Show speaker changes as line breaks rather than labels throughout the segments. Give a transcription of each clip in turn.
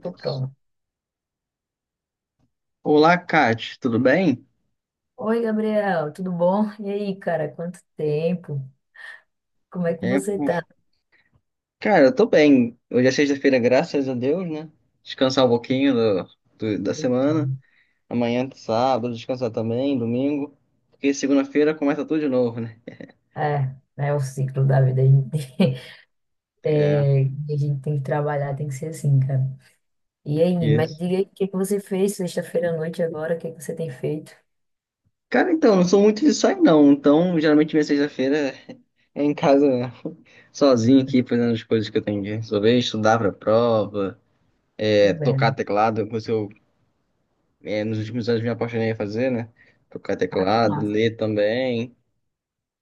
Tô pronto.
Olá, Kate, tudo bem?
Oi, Gabriel, tudo bom? E aí, cara, quanto tempo? Como é que
É,
você
uf,
tá?
Cara, eu tô bem. Hoje é sexta-feira, graças a Deus, né? Descansar um pouquinho da semana. Amanhã, sábado, descansar também, domingo. Porque segunda-feira começa tudo de novo, né?
É, é o ciclo da vida. A gente,
É,
a gente tem que trabalhar, tem que ser assim, cara. E aí, mas
isso.
diga aí, o que que você fez sexta-feira à noite agora? O que que você tem feito?
Cara, então, não sou muito de sair, não. Então, geralmente, minha sexta-feira é em casa mesmo. Sozinho aqui, fazendo as coisas que eu tenho que resolver, estudar pra prova,
Tudo
tocar
bem.
teclado. É, nos últimos anos me apaixonei a fazer, né? Tocar
Ah, que
teclado,
massa.
ler também.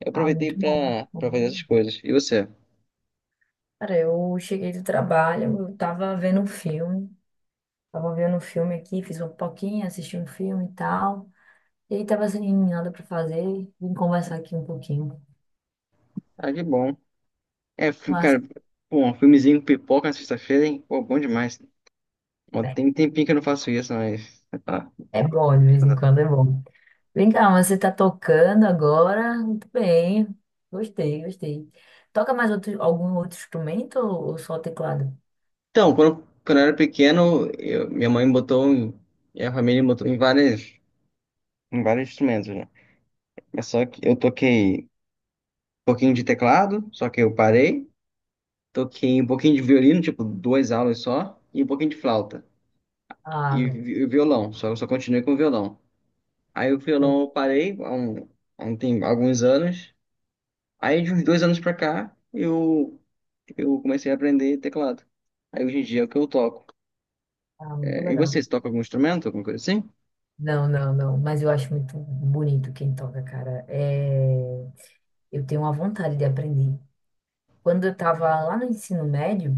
Eu
Ah,
aproveitei
muito bom, muito
pra fazer essas
bom.
coisas. E você?
Cara, eu cheguei do trabalho, eu tava vendo um filme. Tava vendo um filme aqui, fiz uma pipoquinha, assisti um filme e tal. E aí tava sem nada pra fazer, vim conversar aqui um pouquinho.
Ah, que bom.
Massa.
Cara, pô, um filmezinho com pipoca na sexta-feira, hein? Pô, bom demais. Bom,
É
tem um tempinho que eu não faço isso, mas tá.
é bom, de vez em quando é bom. Vem cá, mas você tá tocando agora? Muito bem. Gostei, gostei. Toca mais outro, algum outro instrumento ou só teclado?
Então, quando eu era pequeno, minha mãe botou em- Minha família me botou em vários instrumentos, né? Mas só que eu toquei um pouquinho de teclado, só que eu parei. Toquei um pouquinho de violino, tipo, duas aulas só, e um pouquinho de flauta.
Ah, velho.
Violão, só continuei com violão. Aí o violão eu parei alguns anos. Aí de uns dois anos pra cá eu comecei a aprender teclado. Aí hoje em dia é o que eu toco.
Ah, muito
É, e
legal.
você toca algum instrumento, alguma coisa assim?
Não, não, não. Mas eu acho muito bonito quem toca, cara. É... Eu tenho uma vontade de aprender. Quando eu tava lá no ensino médio,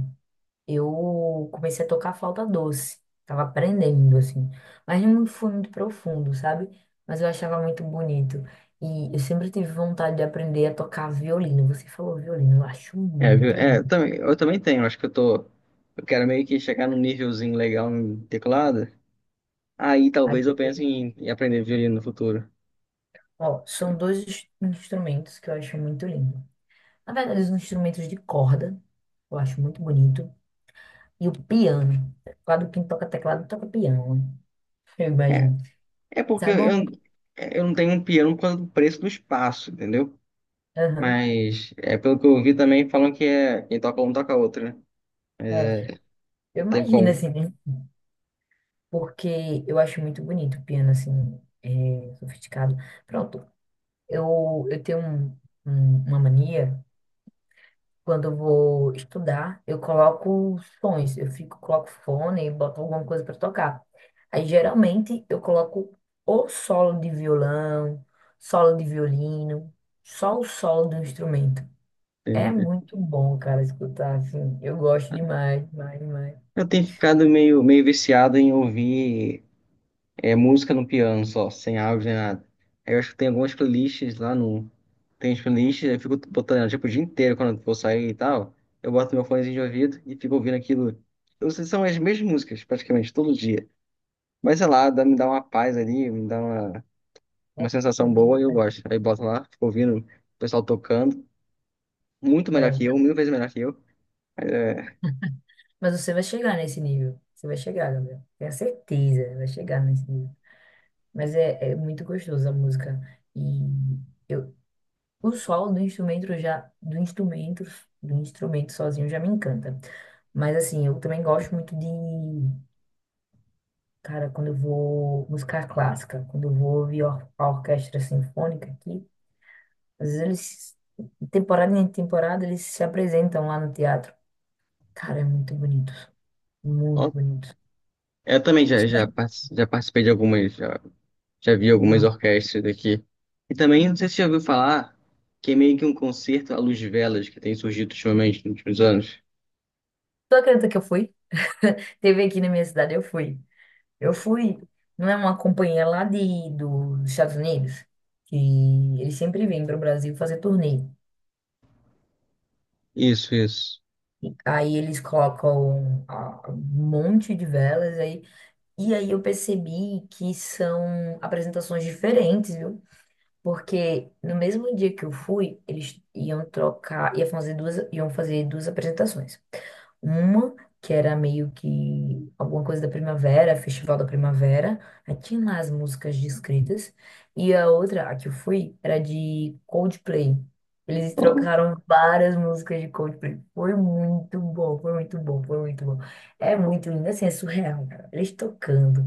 eu comecei a tocar flauta doce. Tava aprendendo, assim. Mas não foi muito profundo, sabe? Mas eu achava muito bonito. E eu sempre tive vontade de aprender a tocar violino. Você falou violino, eu acho muito lindo.
Eu também tenho. Acho que eu quero meio que chegar num nívelzinho legal em teclado, aí
Aí,
talvez eu pense em aprender violino no futuro.
ó, são dois instrumentos que eu acho muito lindo. Na verdade, os instrumentos de corda, eu acho muito bonito. E o piano. Teclado, quem toca teclado, toca piano, né? Eu
É,
imagino.
é porque
Sabe uma...
eu, eu não tenho um piano por causa do preço do espaço, entendeu?
Aham,
Mas é pelo que eu ouvi também, falam que é quem toca um toca outro, né?
é,
Não
eu
tem
imagino,
como.
assim, né? Porque eu acho muito bonito o piano, assim, sofisticado. Pronto, eu tenho uma mania, quando eu vou estudar, eu coloco sons, eu fico, coloco fone e boto alguma coisa para tocar. Aí, geralmente, eu coloco ou solo de violão, solo de violino, só o solo do instrumento. É
É,
muito bom, cara, escutar, assim, eu gosto demais, demais, demais.
eu tenho ficado meio viciado em ouvir música no piano só, sem áudio nem nada. Aí eu acho que tem algumas playlists lá no. Tem as playlists, eu fico botando tipo, o dia inteiro quando eu for sair e tal. Eu boto meu fonezinho de ouvido e fico ouvindo aquilo. Eu não sei se são as mesmas músicas, praticamente, todo dia. Mas sei lá, me dá uma paz ali, uma sensação boa e eu gosto. Aí boto lá, fico ouvindo o pessoal tocando. Muito melhor
É,
que eu, mil vezes melhor que eu.
mas você vai chegar nesse nível. Você vai chegar, Gabriel. Tenho certeza, vai chegar nesse nível. Mas é muito gostoso a música. E eu, o solo do instrumento já, do instrumento sozinho já me encanta. Mas assim, eu também gosto muito de, cara, quando eu vou música clássica, quando eu vou ouvir a orquestra sinfônica aqui, às vezes eles, temporada em temporada, eles se apresentam lá no teatro. Cara, é muito bonito. Muito
Ó,
bonito.
eu também já participei de já vi algumas
Não.
orquestras daqui. E também, não sei se você já ouviu falar, que é meio que um concerto à luz de velas que tem surgido ultimamente nos últimos anos.
Tu acredita que eu fui? Teve aqui na minha cidade, eu fui. Eu fui, não é uma companhia lá dos Estados Unidos, que eles sempre vêm para o Brasil fazer turnê.
Isso, isso.
E aí eles colocam um monte de velas aí. E aí eu percebi que são apresentações diferentes, viu? Porque no mesmo dia que eu fui, eles iam trocar, ia fazer duas, iam fazer duas apresentações. Uma que era meio que alguma coisa da primavera, Festival da Primavera, aí tinha lá as músicas descritas. E a outra, a que eu fui, era de Coldplay. Eles
Ó,
trocaram várias músicas de Coldplay. Foi muito bom, foi muito bom, foi muito bom. É muito lindo, assim, é surreal, cara. Eles tocando.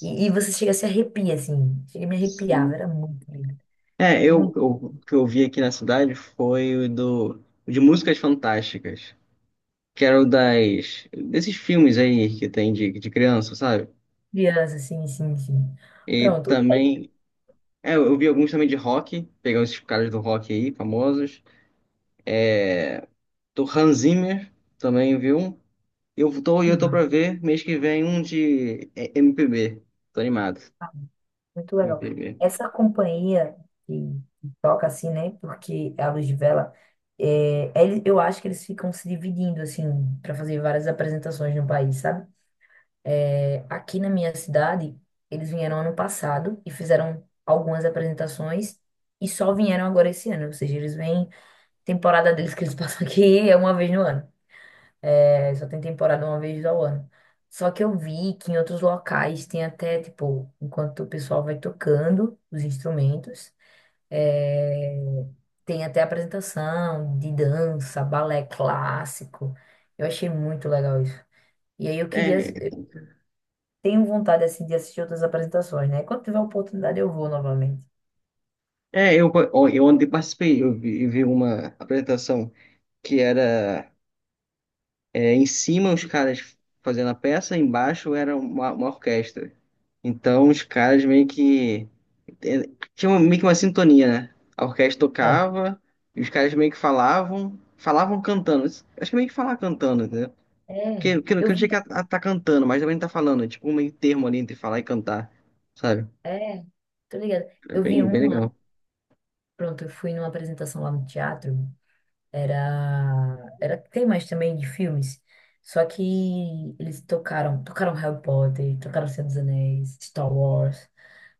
E você chega a se arrepia, assim. Chega a me arrepiar,
sim.
era muito lindo. Muito
Eu, o que eu vi aqui na cidade foi o de músicas fantásticas, que era desses filmes aí que tem de criança, sabe?
criança, sim, sim, sim.
E
Pronto.
também eu vi alguns também de rock, pegar esses caras do rock aí, famosos. É, do Hans Zimmer, também vi um. Eu tô pra ver mês que vem um de MPB. Tô animado.
Muito
M
legal.
P B.
Essa companhia que toca assim, né? Porque é a Luz de Vela, eu acho que eles ficam se dividindo, assim, para fazer várias apresentações no país, sabe? É, aqui na minha cidade, eles vieram ano passado e fizeram algumas apresentações e só vieram agora esse ano. Ou seja, eles vêm, temporada deles que eles passam aqui é uma vez no ano. É, só tem temporada uma vez ao ano. Só que eu vi que em outros locais tem até, tipo, enquanto o pessoal vai tocando os instrumentos, é, tem até apresentação de dança, balé clássico. Eu achei muito legal isso. Eu
É,
tenho vontade assim, de assistir outras apresentações, né? Quando tiver oportunidade eu vou novamente.
ó, eu ontem participei, eu vi uma apresentação que era em cima os caras fazendo a peça, embaixo era uma orquestra. Então os caras meio que tinha uma- meio que uma sintonia, né? A orquestra
É,
tocava, e os caras meio que falavam cantando. Acho que é meio que falar cantando, entendeu?
é,
Não- que
eu
não
vi,
chega a tá cantando, mas também não tá falando. É tipo um meio termo ali entre falar e cantar, sabe?
é, tô ligada.
É
Eu vi
bem
uma,
legal.
pronto, eu fui numa apresentação lá no teatro. Era, tem mais também de filmes. Só que eles tocaram Harry Potter, tocaram Senhor dos Anéis, Star Wars.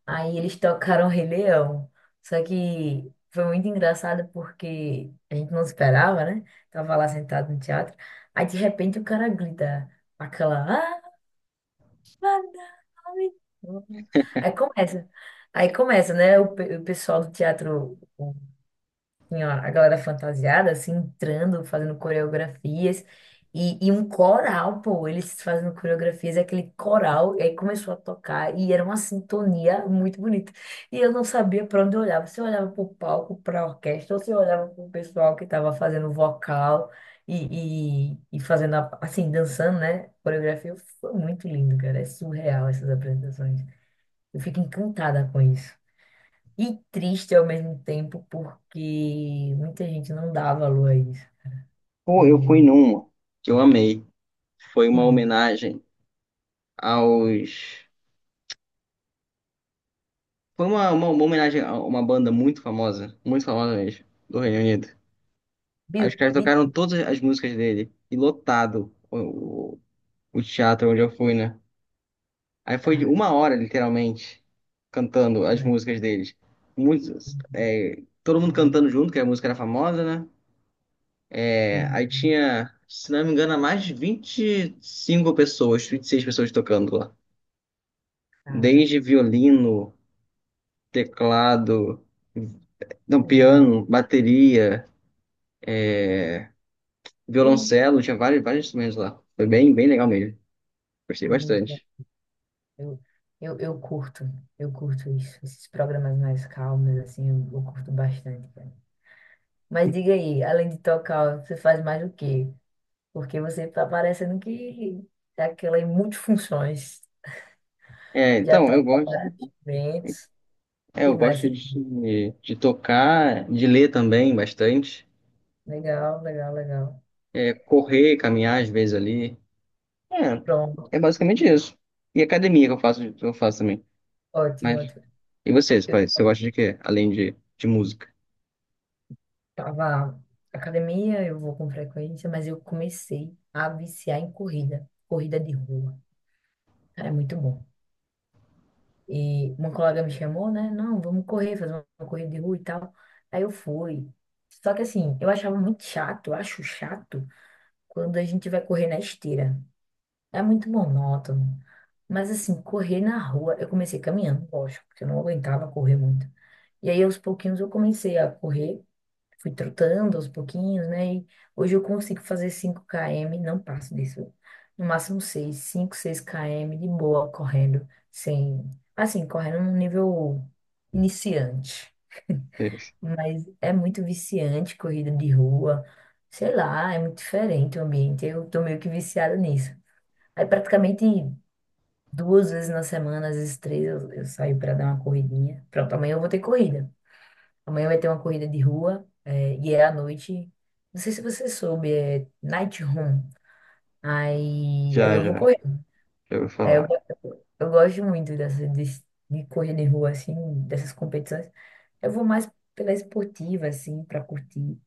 Aí eles tocaram Rei Leão. Só que foi muito engraçado porque a gente não esperava, né? Tava lá sentado no teatro. Aí de repente o cara grita aquela. "Ah, Madame!" Aí começa. Aí começa, né? O pessoal do teatro senhora, a galera fantasiada, assim, entrando, fazendo coreografias. E um coral, pô, eles fazendo coreografias, e aquele coral, e aí começou a tocar, e era uma sintonia muito bonita. E eu não sabia para onde eu olhava, se eu olhava para o palco, para a orquestra, ou se eu olhava para o pessoal que estava fazendo vocal e fazendo, assim, dançando, né? Coreografia foi muito lindo, cara, é surreal essas apresentações. Eu fico encantada com isso. E triste ao mesmo tempo, porque muita gente não dá valor a isso. E,
Pô, eu fui numa que eu amei. Foi uma
hum,
homenagem aos. Foi uma homenagem a uma banda muito famosa mesmo, do Reino Unido. Aí os
Bill,
caras
Bill,
tocaram todas as músicas dele, e lotado o teatro onde eu fui, né? Aí foi
cara,
uma hora, literalmente, cantando as
olha,
músicas deles. Muitos, é, todo mundo cantando junto, que a música era famosa, né? É,
tem,
aí tinha, se não me engano, mais de 25 pessoas, 26 pessoas tocando lá.
cara,
Desde violino, teclado, não,
surreal.
piano, bateria,
Tem
violoncelo, tinha vários instrumentos lá. Foi bem legal mesmo. Gostei
muito.
bastante.
Eu, eu, eu curto, eu curto isso. Esses programas mais calmos, assim, eu curto bastante, cara. Mas diga aí, além de tocar, você faz mais o quê? Porque você tá parecendo que é aquela em multifunções.
É,
Já
então, eu
toca
gosto,
vários eventos. O que
eu
mais?
gosto de tocar, de ler também bastante.
Legal, legal, legal.
É, correr, caminhar às vezes ali.
Pronto,
É basicamente isso. E academia que eu faço também.
ótimo.
Mas,
Ótimo.
e vocês,
Eu
pai? Você gosta de quê? Além de música?
tava na academia, eu vou com frequência, mas eu comecei a viciar em corrida, corrida de rua. É muito bom. E uma colega me chamou, né? Não, vamos correr, fazer uma corrida de rua e tal. Aí eu fui. Só que assim, eu achava muito chato, eu acho chato quando a gente vai correr na esteira. É muito monótono. Mas assim, correr na rua, eu comecei caminhando, lógico, porque eu não aguentava correr muito. E aí, aos pouquinhos, eu comecei a correr. Fui trotando aos pouquinhos, né? E hoje eu consigo fazer 5 km, não passo disso. No máximo 6, 5, 6 km de boa correndo, sem, assim, correndo num nível iniciante.
Vocês-
Mas é muito viciante corrida de rua. Sei lá, é muito diferente o ambiente. Eu tô meio que viciada nisso. Aí praticamente duas vezes na semana, às vezes três, eu saio para dar uma corridinha. Pronto, amanhã eu vou ter corrida. Amanhã vai ter uma corrida de rua, e é à noite. Não sei se você soube, é Night Run. Aí
Já,
eu vou
já,
correr.
já ouvi
Aí eu,
falar.
eu gosto muito dessa, de correr de rua, assim, dessas competições. Eu vou mais pela esportiva, assim, pra curtir.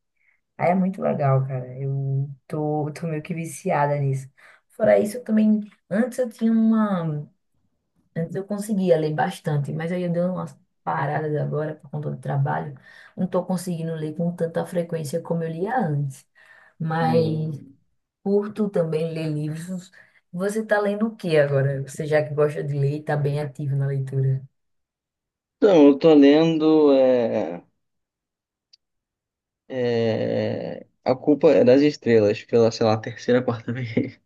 Aí é muito legal, cara. Eu tô meio que viciada nisso. Fora isso, eu também. Antes eu tinha uma. Antes eu conseguia ler bastante, mas aí eu dei umas paradas agora por conta do trabalho. Não estou conseguindo ler com tanta frequência como eu lia antes. Mas
Hum.
curto também ler livros. Você está lendo o que agora? Você já que gosta de ler e está bem ativo na leitura.
Então, eu tô lendo A Culpa é das Estrelas, pela, sei lá, terceira, quarta vez.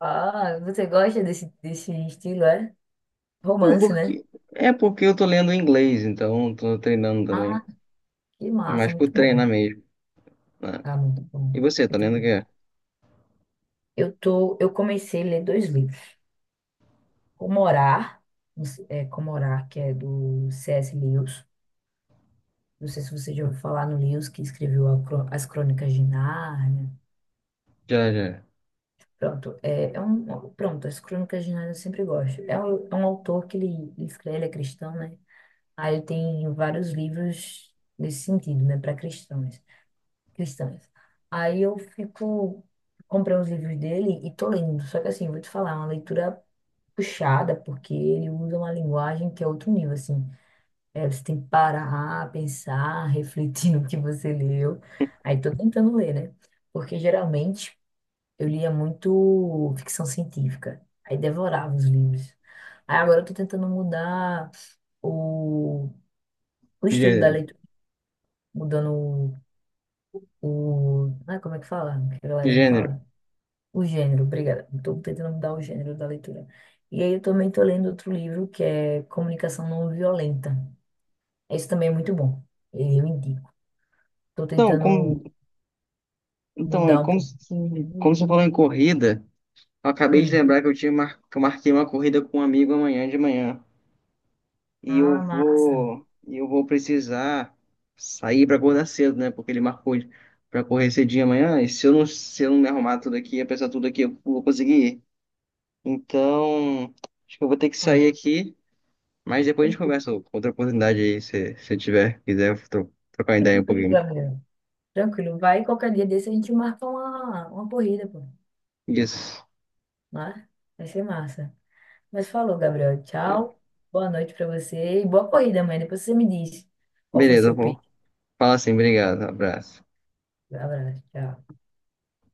Ah, você gosta desse estilo, é?
Não,
Romance, né?
porque, é porque eu tô lendo em inglês, então eu tô treinando também.
Ah, que massa,
Mas por
muito bom.
treinar mesmo, né?
Ah, muito
E
bom.
você, tá
Muito
lendo o
bom.
quê?
Eu comecei a ler dois livros. Como Orar, não sei- é, Como Orar, que é do C.S. Lewis. Não sei se você já ouviu falar no Lewis, que escreveu As Crônicas de Nárnia.
Já, já.
Pronto, As Crônicas de Nárnia eu sempre gosto. É um autor que ele escreve, ele é cristão, né? Aí ele tem vários livros nesse sentido, né? Para cristãos, cristãs. Aí eu fico, comprei os livros dele e tô lendo. Só que assim, vou te falar, é uma leitura puxada, porque ele usa uma linguagem que é outro nível, assim. É, você tem que parar, pensar, refletir no que você leu. Aí tô tentando ler, né? Porque geralmente eu lia muito ficção científica. Aí devorava os livros. Aí agora eu tô tentando mudar o, o estilo da
Gênero.
leitura, mudando Ah, como é que fala? O que a galerinha
Gênero.
fala? O gênero, obrigada. Estou tentando mudar o gênero da leitura. E aí eu também estou lendo outro livro que é Comunicação Não Violenta. Esse também é muito bom. Eu indico. Estou
Então, como,
tentando
então, é
mudar um
como,
pouco.
se- como você falou em corrida, eu acabei de
Hum.
lembrar que eu marquei uma corrida com um amigo amanhã de manhã.
Ah, massa.
E eu vou precisar sair para acordar cedo, né? Porque ele marcou para correr cedinho amanhã. E se eu não me arrumar tudo aqui, apesar de tudo aqui, eu vou conseguir ir. Então, acho que eu vou ter que
Bom,
sair aqui. Mas depois a gente
tranquilo,
conversa com outra oportunidade aí, se eu tiver, quiser trocar ideia um
tranquilo,
pouquinho.
Gabriel. Tranquilo. Vai qualquer dia desse a gente marca uma corrida, pô.
Isso.
Né? Vai ser massa. Mas falou, Gabriel.
É,
Tchau. Boa noite pra você e boa corrida amanhã. Depois você me diz qual foi
beleza, eu
seu
vou.
peito.
Fala assim, obrigado, abraço.
Abraço. Tchau.